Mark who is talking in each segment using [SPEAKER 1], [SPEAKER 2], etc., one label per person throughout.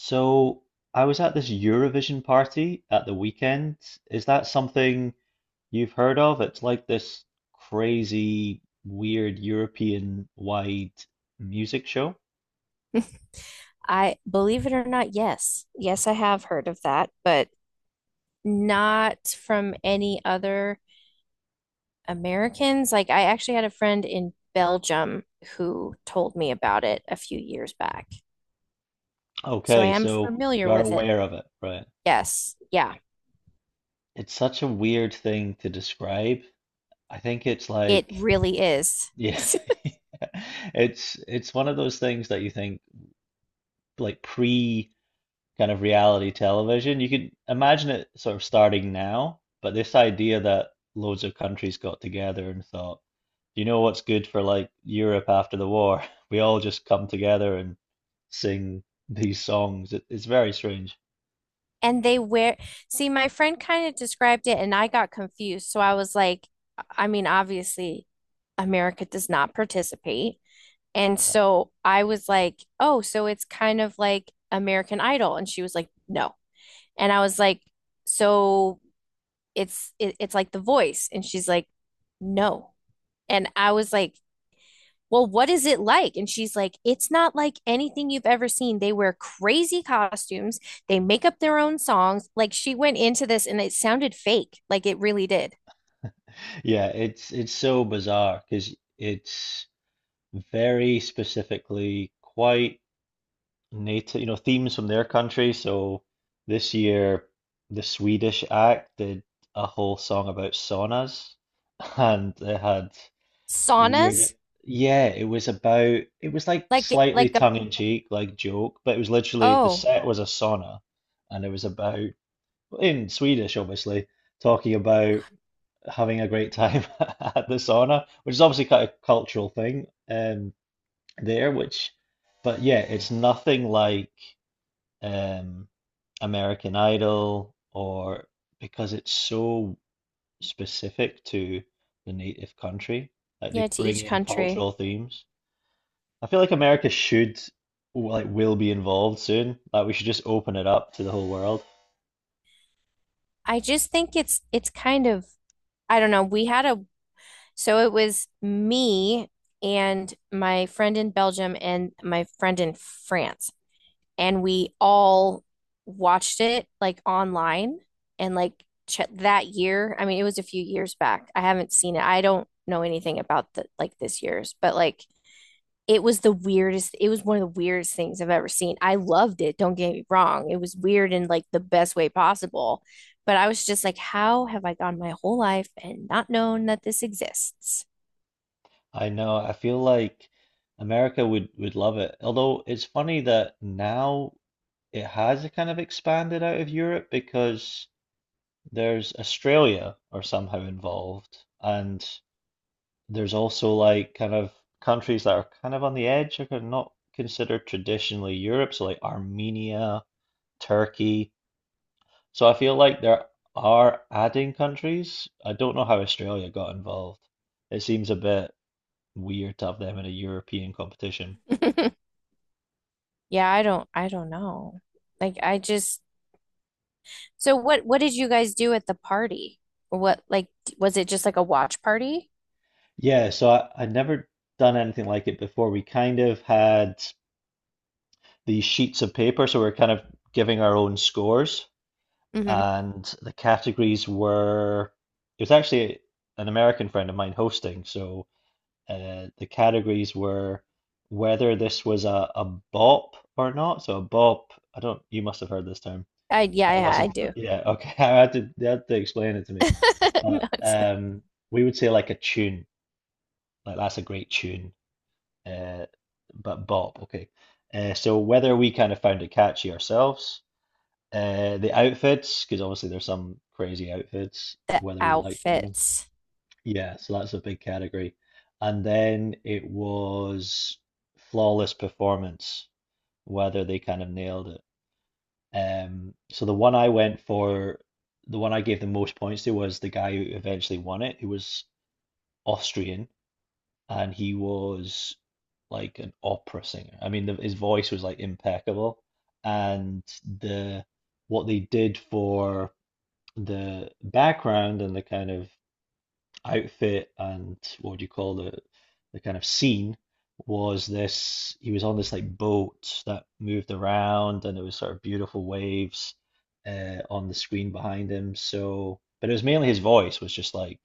[SPEAKER 1] So I was at this Eurovision party at the weekend. Is that something you've heard of? It's like this crazy, weird European-wide music show.
[SPEAKER 2] I believe it or not, yes. Yes, I have heard of that, but not from any other Americans. Like, I actually had a friend in Belgium who told me about it a few years back. So I
[SPEAKER 1] Okay,
[SPEAKER 2] am
[SPEAKER 1] so
[SPEAKER 2] familiar
[SPEAKER 1] you're
[SPEAKER 2] with it.
[SPEAKER 1] aware of it, right?
[SPEAKER 2] Yes. Yeah.
[SPEAKER 1] It's such a weird thing to describe. I think it's
[SPEAKER 2] It
[SPEAKER 1] like,
[SPEAKER 2] really is.
[SPEAKER 1] yeah, it's one of those things that you think like pre. Kind of reality television. You could imagine it sort of starting now, but this idea that loads of countries got together and thought, you know what's good for like Europe after the war? We all just come together and sing these songs. It's very strange.
[SPEAKER 2] And they wear, see, my friend kind of described it and I got confused. So I was like, I mean, obviously, America does not participate. And
[SPEAKER 1] Yeah.
[SPEAKER 2] so I was like, oh, so it's kind of like American Idol. And she was like, no. And I was like, so it's like The Voice. And she's like, no. And I was like, well, what is it like? And she's like, it's not like anything you've ever seen. They wear crazy costumes, they make up their own songs. Like she went into this and it sounded fake. Like it really did.
[SPEAKER 1] Yeah, it's so bizarre because it's very specifically quite native, you know, themes from their country. So this year, the Swedish act did a whole song about saunas, and they had weird.
[SPEAKER 2] Saunas,
[SPEAKER 1] Yeah, it was about. It was like
[SPEAKER 2] like
[SPEAKER 1] slightly
[SPEAKER 2] like a
[SPEAKER 1] tongue in cheek, like joke, but it was literally the
[SPEAKER 2] oh,
[SPEAKER 1] set was a sauna, and it was about in Swedish, obviously, talking about having a great time at the sauna, which is obviously kind of cultural thing there, which, but yeah, it's nothing like. Um, American Idol or because it's so specific to the native country, like
[SPEAKER 2] yeah,
[SPEAKER 1] they
[SPEAKER 2] to
[SPEAKER 1] bring
[SPEAKER 2] each
[SPEAKER 1] in
[SPEAKER 2] country.
[SPEAKER 1] cultural themes. I feel like America should, like, will be involved soon. Like, we should just open it up to the whole world.
[SPEAKER 2] I just think it's kind of I don't know. We had a so it was me and my friend in Belgium and my friend in France, and we all watched it like online and like ch that year. I mean, it was a few years back. I haven't seen it. I don't know anything about the like this year's, but like it was the weirdest. It was one of the weirdest things I've ever seen. I loved it. Don't get me wrong. It was weird in like the best way possible, but I was just like, how have I gone my whole life and not known that this exists?
[SPEAKER 1] I know, I feel like America would love it. Although it's funny that now it has a kind of expanded out of Europe because there's Australia are somehow involved and there's also like kind of countries that are kind of on the edge, are not considered traditionally Europe, so like Armenia, Turkey. So I feel like there are adding countries. I don't know how Australia got involved. It seems a bit weird to have them in a European competition.
[SPEAKER 2] Yeah, I don't. I don't know. Like, I just. So what did you guys do at the party? Or what like was it just like a watch party?
[SPEAKER 1] Yeah, so I'd never done anything like it before. We kind of had these sheets of paper, so we're kind of giving our own scores.
[SPEAKER 2] Hmm.
[SPEAKER 1] And the categories were, it was actually an American friend of mine hosting, so the categories were whether this was a bop or not. So a bop, I don't, you must have heard this term.
[SPEAKER 2] I yeah,
[SPEAKER 1] I
[SPEAKER 2] yeah, I
[SPEAKER 1] wasn't, fa-
[SPEAKER 2] do.
[SPEAKER 1] yeah, okay. They had to explain it to me.
[SPEAKER 2] No,
[SPEAKER 1] But
[SPEAKER 2] it's-
[SPEAKER 1] we would say like a tune, like that's a great tune, uh, but bop, okay. So whether we kind of found it catchy ourselves, the outfits, because obviously there's some crazy outfits,
[SPEAKER 2] The
[SPEAKER 1] whether we liked it or not.
[SPEAKER 2] outfits.
[SPEAKER 1] Yeah, so that's a big category. And then it was flawless performance, whether they kind of nailed it. So the one I went for, the one I gave the most points to was the guy who eventually won it, who was Austrian, and he was like an opera singer. I mean, his voice was like impeccable, and the what they did for the background and the kind of outfit and what do you call the kind of scene was this, he was on this like boat that moved around, and it was sort of beautiful waves on the screen behind him. So but it was mainly his voice was just like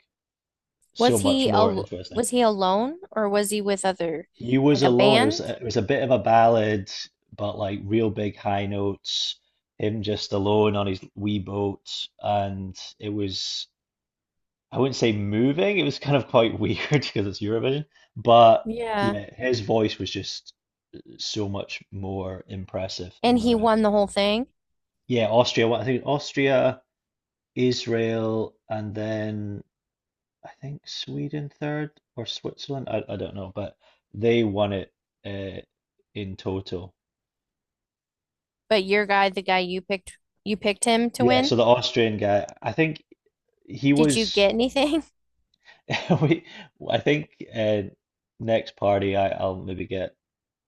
[SPEAKER 1] so
[SPEAKER 2] Was
[SPEAKER 1] much
[SPEAKER 2] he
[SPEAKER 1] more
[SPEAKER 2] al
[SPEAKER 1] interesting.
[SPEAKER 2] was he alone or was he with other
[SPEAKER 1] He was
[SPEAKER 2] like a
[SPEAKER 1] alone. it was
[SPEAKER 2] band?
[SPEAKER 1] it was a bit of a ballad, but like real big high notes, him just alone on his wee boat. And it was, I wouldn't say moving. It was kind of quite weird because it's Eurovision, but
[SPEAKER 2] Yeah.
[SPEAKER 1] yeah, his voice was just so much more impressive than
[SPEAKER 2] And
[SPEAKER 1] the
[SPEAKER 2] he won
[SPEAKER 1] rest.
[SPEAKER 2] the whole thing,
[SPEAKER 1] Yeah, Austria. Well, I think Austria, Israel, and then I think Sweden third or Switzerland. I don't know, but they won it, uh, in total.
[SPEAKER 2] but your guy, the guy you picked him to
[SPEAKER 1] Yeah,
[SPEAKER 2] win.
[SPEAKER 1] so the Austrian guy, I think he
[SPEAKER 2] Did you
[SPEAKER 1] was.
[SPEAKER 2] get anything?
[SPEAKER 1] We, I think, uh, next party, I'll maybe get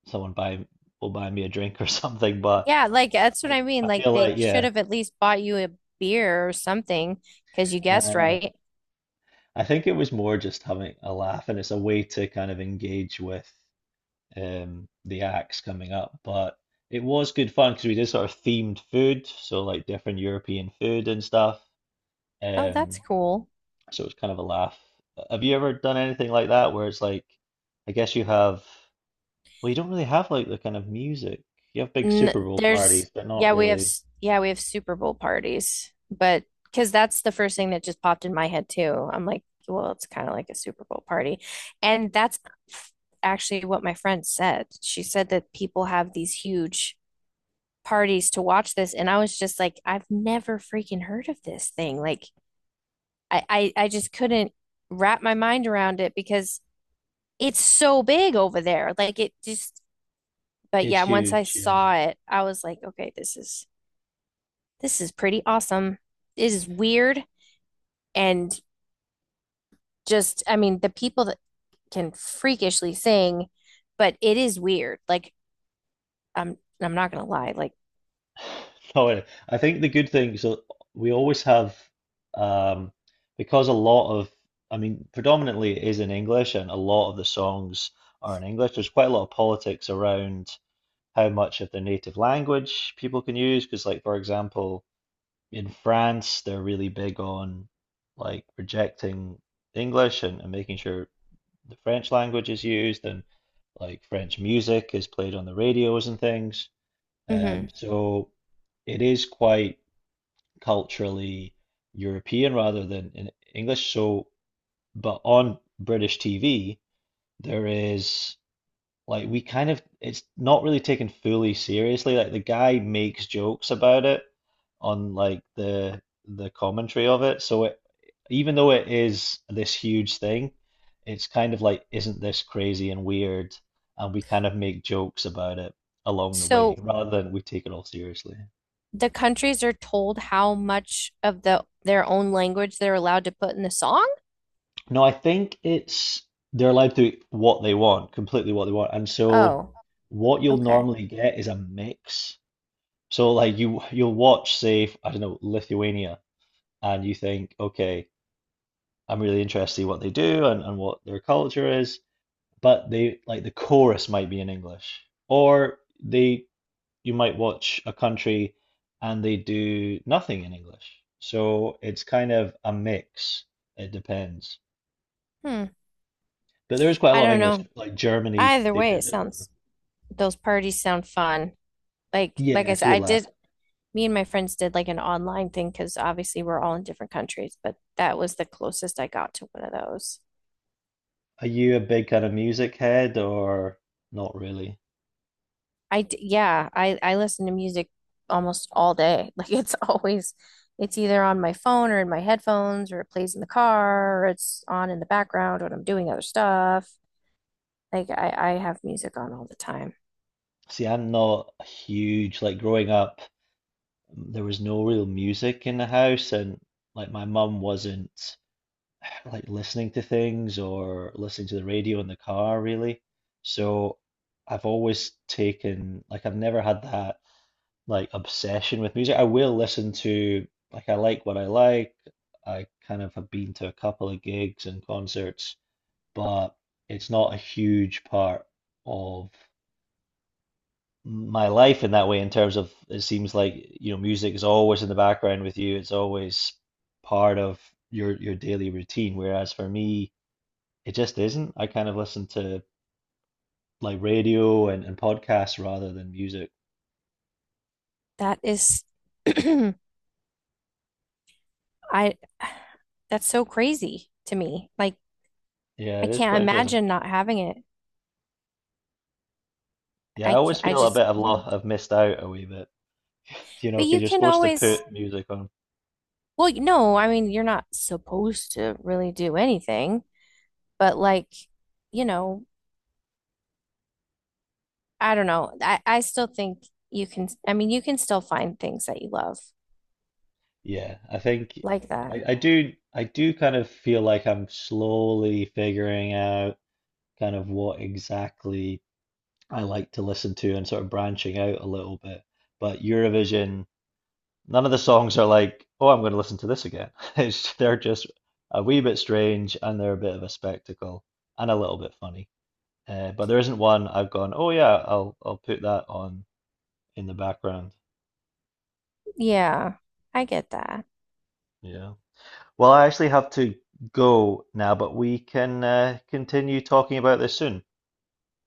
[SPEAKER 1] someone buy will buy me a drink or something. But
[SPEAKER 2] Yeah, like that's what
[SPEAKER 1] I,
[SPEAKER 2] I mean.
[SPEAKER 1] I
[SPEAKER 2] Like
[SPEAKER 1] feel
[SPEAKER 2] they
[SPEAKER 1] like,
[SPEAKER 2] should
[SPEAKER 1] yeah,
[SPEAKER 2] have at least bought you a beer or something because you
[SPEAKER 1] yeah, I
[SPEAKER 2] guessed
[SPEAKER 1] know.
[SPEAKER 2] right.
[SPEAKER 1] I think it was more just having a laugh, and it's a way to kind of engage with the acts coming up. But it was good fun because we did sort of themed food, so like different European food and stuff.
[SPEAKER 2] Oh, that's
[SPEAKER 1] Um,
[SPEAKER 2] cool.
[SPEAKER 1] so it was kind of a laugh. Have you ever done anything like that where it's like, I guess you have, well, you don't really have like the kind of music. You have big
[SPEAKER 2] N
[SPEAKER 1] Super Bowl
[SPEAKER 2] there's
[SPEAKER 1] parties, but not
[SPEAKER 2] yeah, we have
[SPEAKER 1] really.
[SPEAKER 2] s- yeah, we have Super Bowl parties, but because that's the first thing that just popped in my head too. I'm like, well, it's kind of like a Super Bowl party, and that's actually what my friend said. She said that people have these huge parties to watch this, and I was just like, I've never freaking heard of this thing. Like, I just couldn't wrap my mind around it because it's so big over there. Like it just, but
[SPEAKER 1] It's
[SPEAKER 2] yeah, once I
[SPEAKER 1] huge, yeah.
[SPEAKER 2] saw it, I was like, okay, this is pretty awesome. It is weird and just, I mean, the people that can freakishly sing, but it is weird. Like I'm not gonna lie. Like,
[SPEAKER 1] No, I think the good thing, so we always have, um, because a lot of, I mean, predominantly it is in English, and a lot of the songs are in English. There's quite a lot of politics around how much of their native language people can use. Because, like, for example, in France, they're really big on like rejecting English, and making sure the French language is used and like French music is played on the radios and things.
[SPEAKER 2] hmm.
[SPEAKER 1] So it is quite culturally European rather than in English. So, but on British TV, there is like we kind of it's not really taken fully seriously. Like the guy makes jokes about it on like the commentary of it. So it, even though it is this huge thing, it's kind of like, isn't this crazy and weird? And we kind of make jokes about it along the way
[SPEAKER 2] So
[SPEAKER 1] rather than we take it all seriously.
[SPEAKER 2] the countries are told how much of the their own language they're allowed to put in the song?
[SPEAKER 1] No, I think it's they're allowed to eat what they want, completely what they want. And so
[SPEAKER 2] Oh,
[SPEAKER 1] what you'll
[SPEAKER 2] okay.
[SPEAKER 1] normally get is a mix. So like you'll watch, say, I don't know, Lithuania, and you think, okay, I'm really interested in what they do, and what their culture is, but they like the chorus might be in English. Or they, you might watch a country and they do nothing in English. So it's kind of a mix. It depends.
[SPEAKER 2] Hmm.
[SPEAKER 1] But there is quite a
[SPEAKER 2] I
[SPEAKER 1] lot of
[SPEAKER 2] don't
[SPEAKER 1] English,
[SPEAKER 2] know.
[SPEAKER 1] like Germany,
[SPEAKER 2] Either
[SPEAKER 1] they
[SPEAKER 2] way, it
[SPEAKER 1] did it.
[SPEAKER 2] sounds those parties sound fun. Like
[SPEAKER 1] Yeah,
[SPEAKER 2] I
[SPEAKER 1] it's a
[SPEAKER 2] said,
[SPEAKER 1] good
[SPEAKER 2] I
[SPEAKER 1] laugh.
[SPEAKER 2] did me and my friends did like an online thing because obviously we're all in different countries, but that was the closest I got to one of those.
[SPEAKER 1] Are you a big kind of music head or not really?
[SPEAKER 2] I d- yeah, I listen to music almost all day. Like it's always it's either on my phone or in my headphones or it plays in the car or it's on in the background when I'm doing other stuff. Like I have music on all the time.
[SPEAKER 1] See, I'm not huge. Like growing up, there was no real music in the house, and like my mum wasn't like listening to things or listening to the radio in the car, really. So I've always taken, like, I've never had that. Like obsession with music. I will listen to like I like what I like. I kind of have been to a couple of gigs and concerts, but it's not a huge part of my life in that way, in terms of it seems like, you know, music is always in the background with you. It's always part of your daily routine. Whereas for me, it just isn't. I kind of listen to like radio, and podcasts rather than music.
[SPEAKER 2] That is I that's so crazy to me. Like
[SPEAKER 1] Yeah,
[SPEAKER 2] I
[SPEAKER 1] it is
[SPEAKER 2] can't
[SPEAKER 1] quite interesting.
[SPEAKER 2] imagine not having it.
[SPEAKER 1] Yeah, I
[SPEAKER 2] I
[SPEAKER 1] always
[SPEAKER 2] can't I
[SPEAKER 1] feel a
[SPEAKER 2] just
[SPEAKER 1] bit of lo,
[SPEAKER 2] can't.
[SPEAKER 1] I've missed out a wee bit. You know,
[SPEAKER 2] But you
[SPEAKER 1] because you're
[SPEAKER 2] can
[SPEAKER 1] supposed to
[SPEAKER 2] always
[SPEAKER 1] put music on.
[SPEAKER 2] well, you know, I mean, you're not supposed to really do anything, but like, you know, I don't know. I still think you can I mean, you can still find things that you love
[SPEAKER 1] Yeah, I think
[SPEAKER 2] like that.
[SPEAKER 1] I do, I do kind of feel like I'm slowly figuring out kind of what exactly I like to listen to and sort of branching out a little bit. But Eurovision, none of the songs are like, oh, I'm going to listen to this again. It's, they're just a wee bit strange and they're a bit of a spectacle and a little bit funny. But there isn't one I've gone, oh yeah, I'll put that on in the background.
[SPEAKER 2] Yeah, I get that.
[SPEAKER 1] Yeah. Well, I actually have to go now, but we can continue talking about this soon.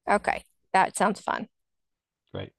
[SPEAKER 2] Okay. That sounds fun.
[SPEAKER 1] Great.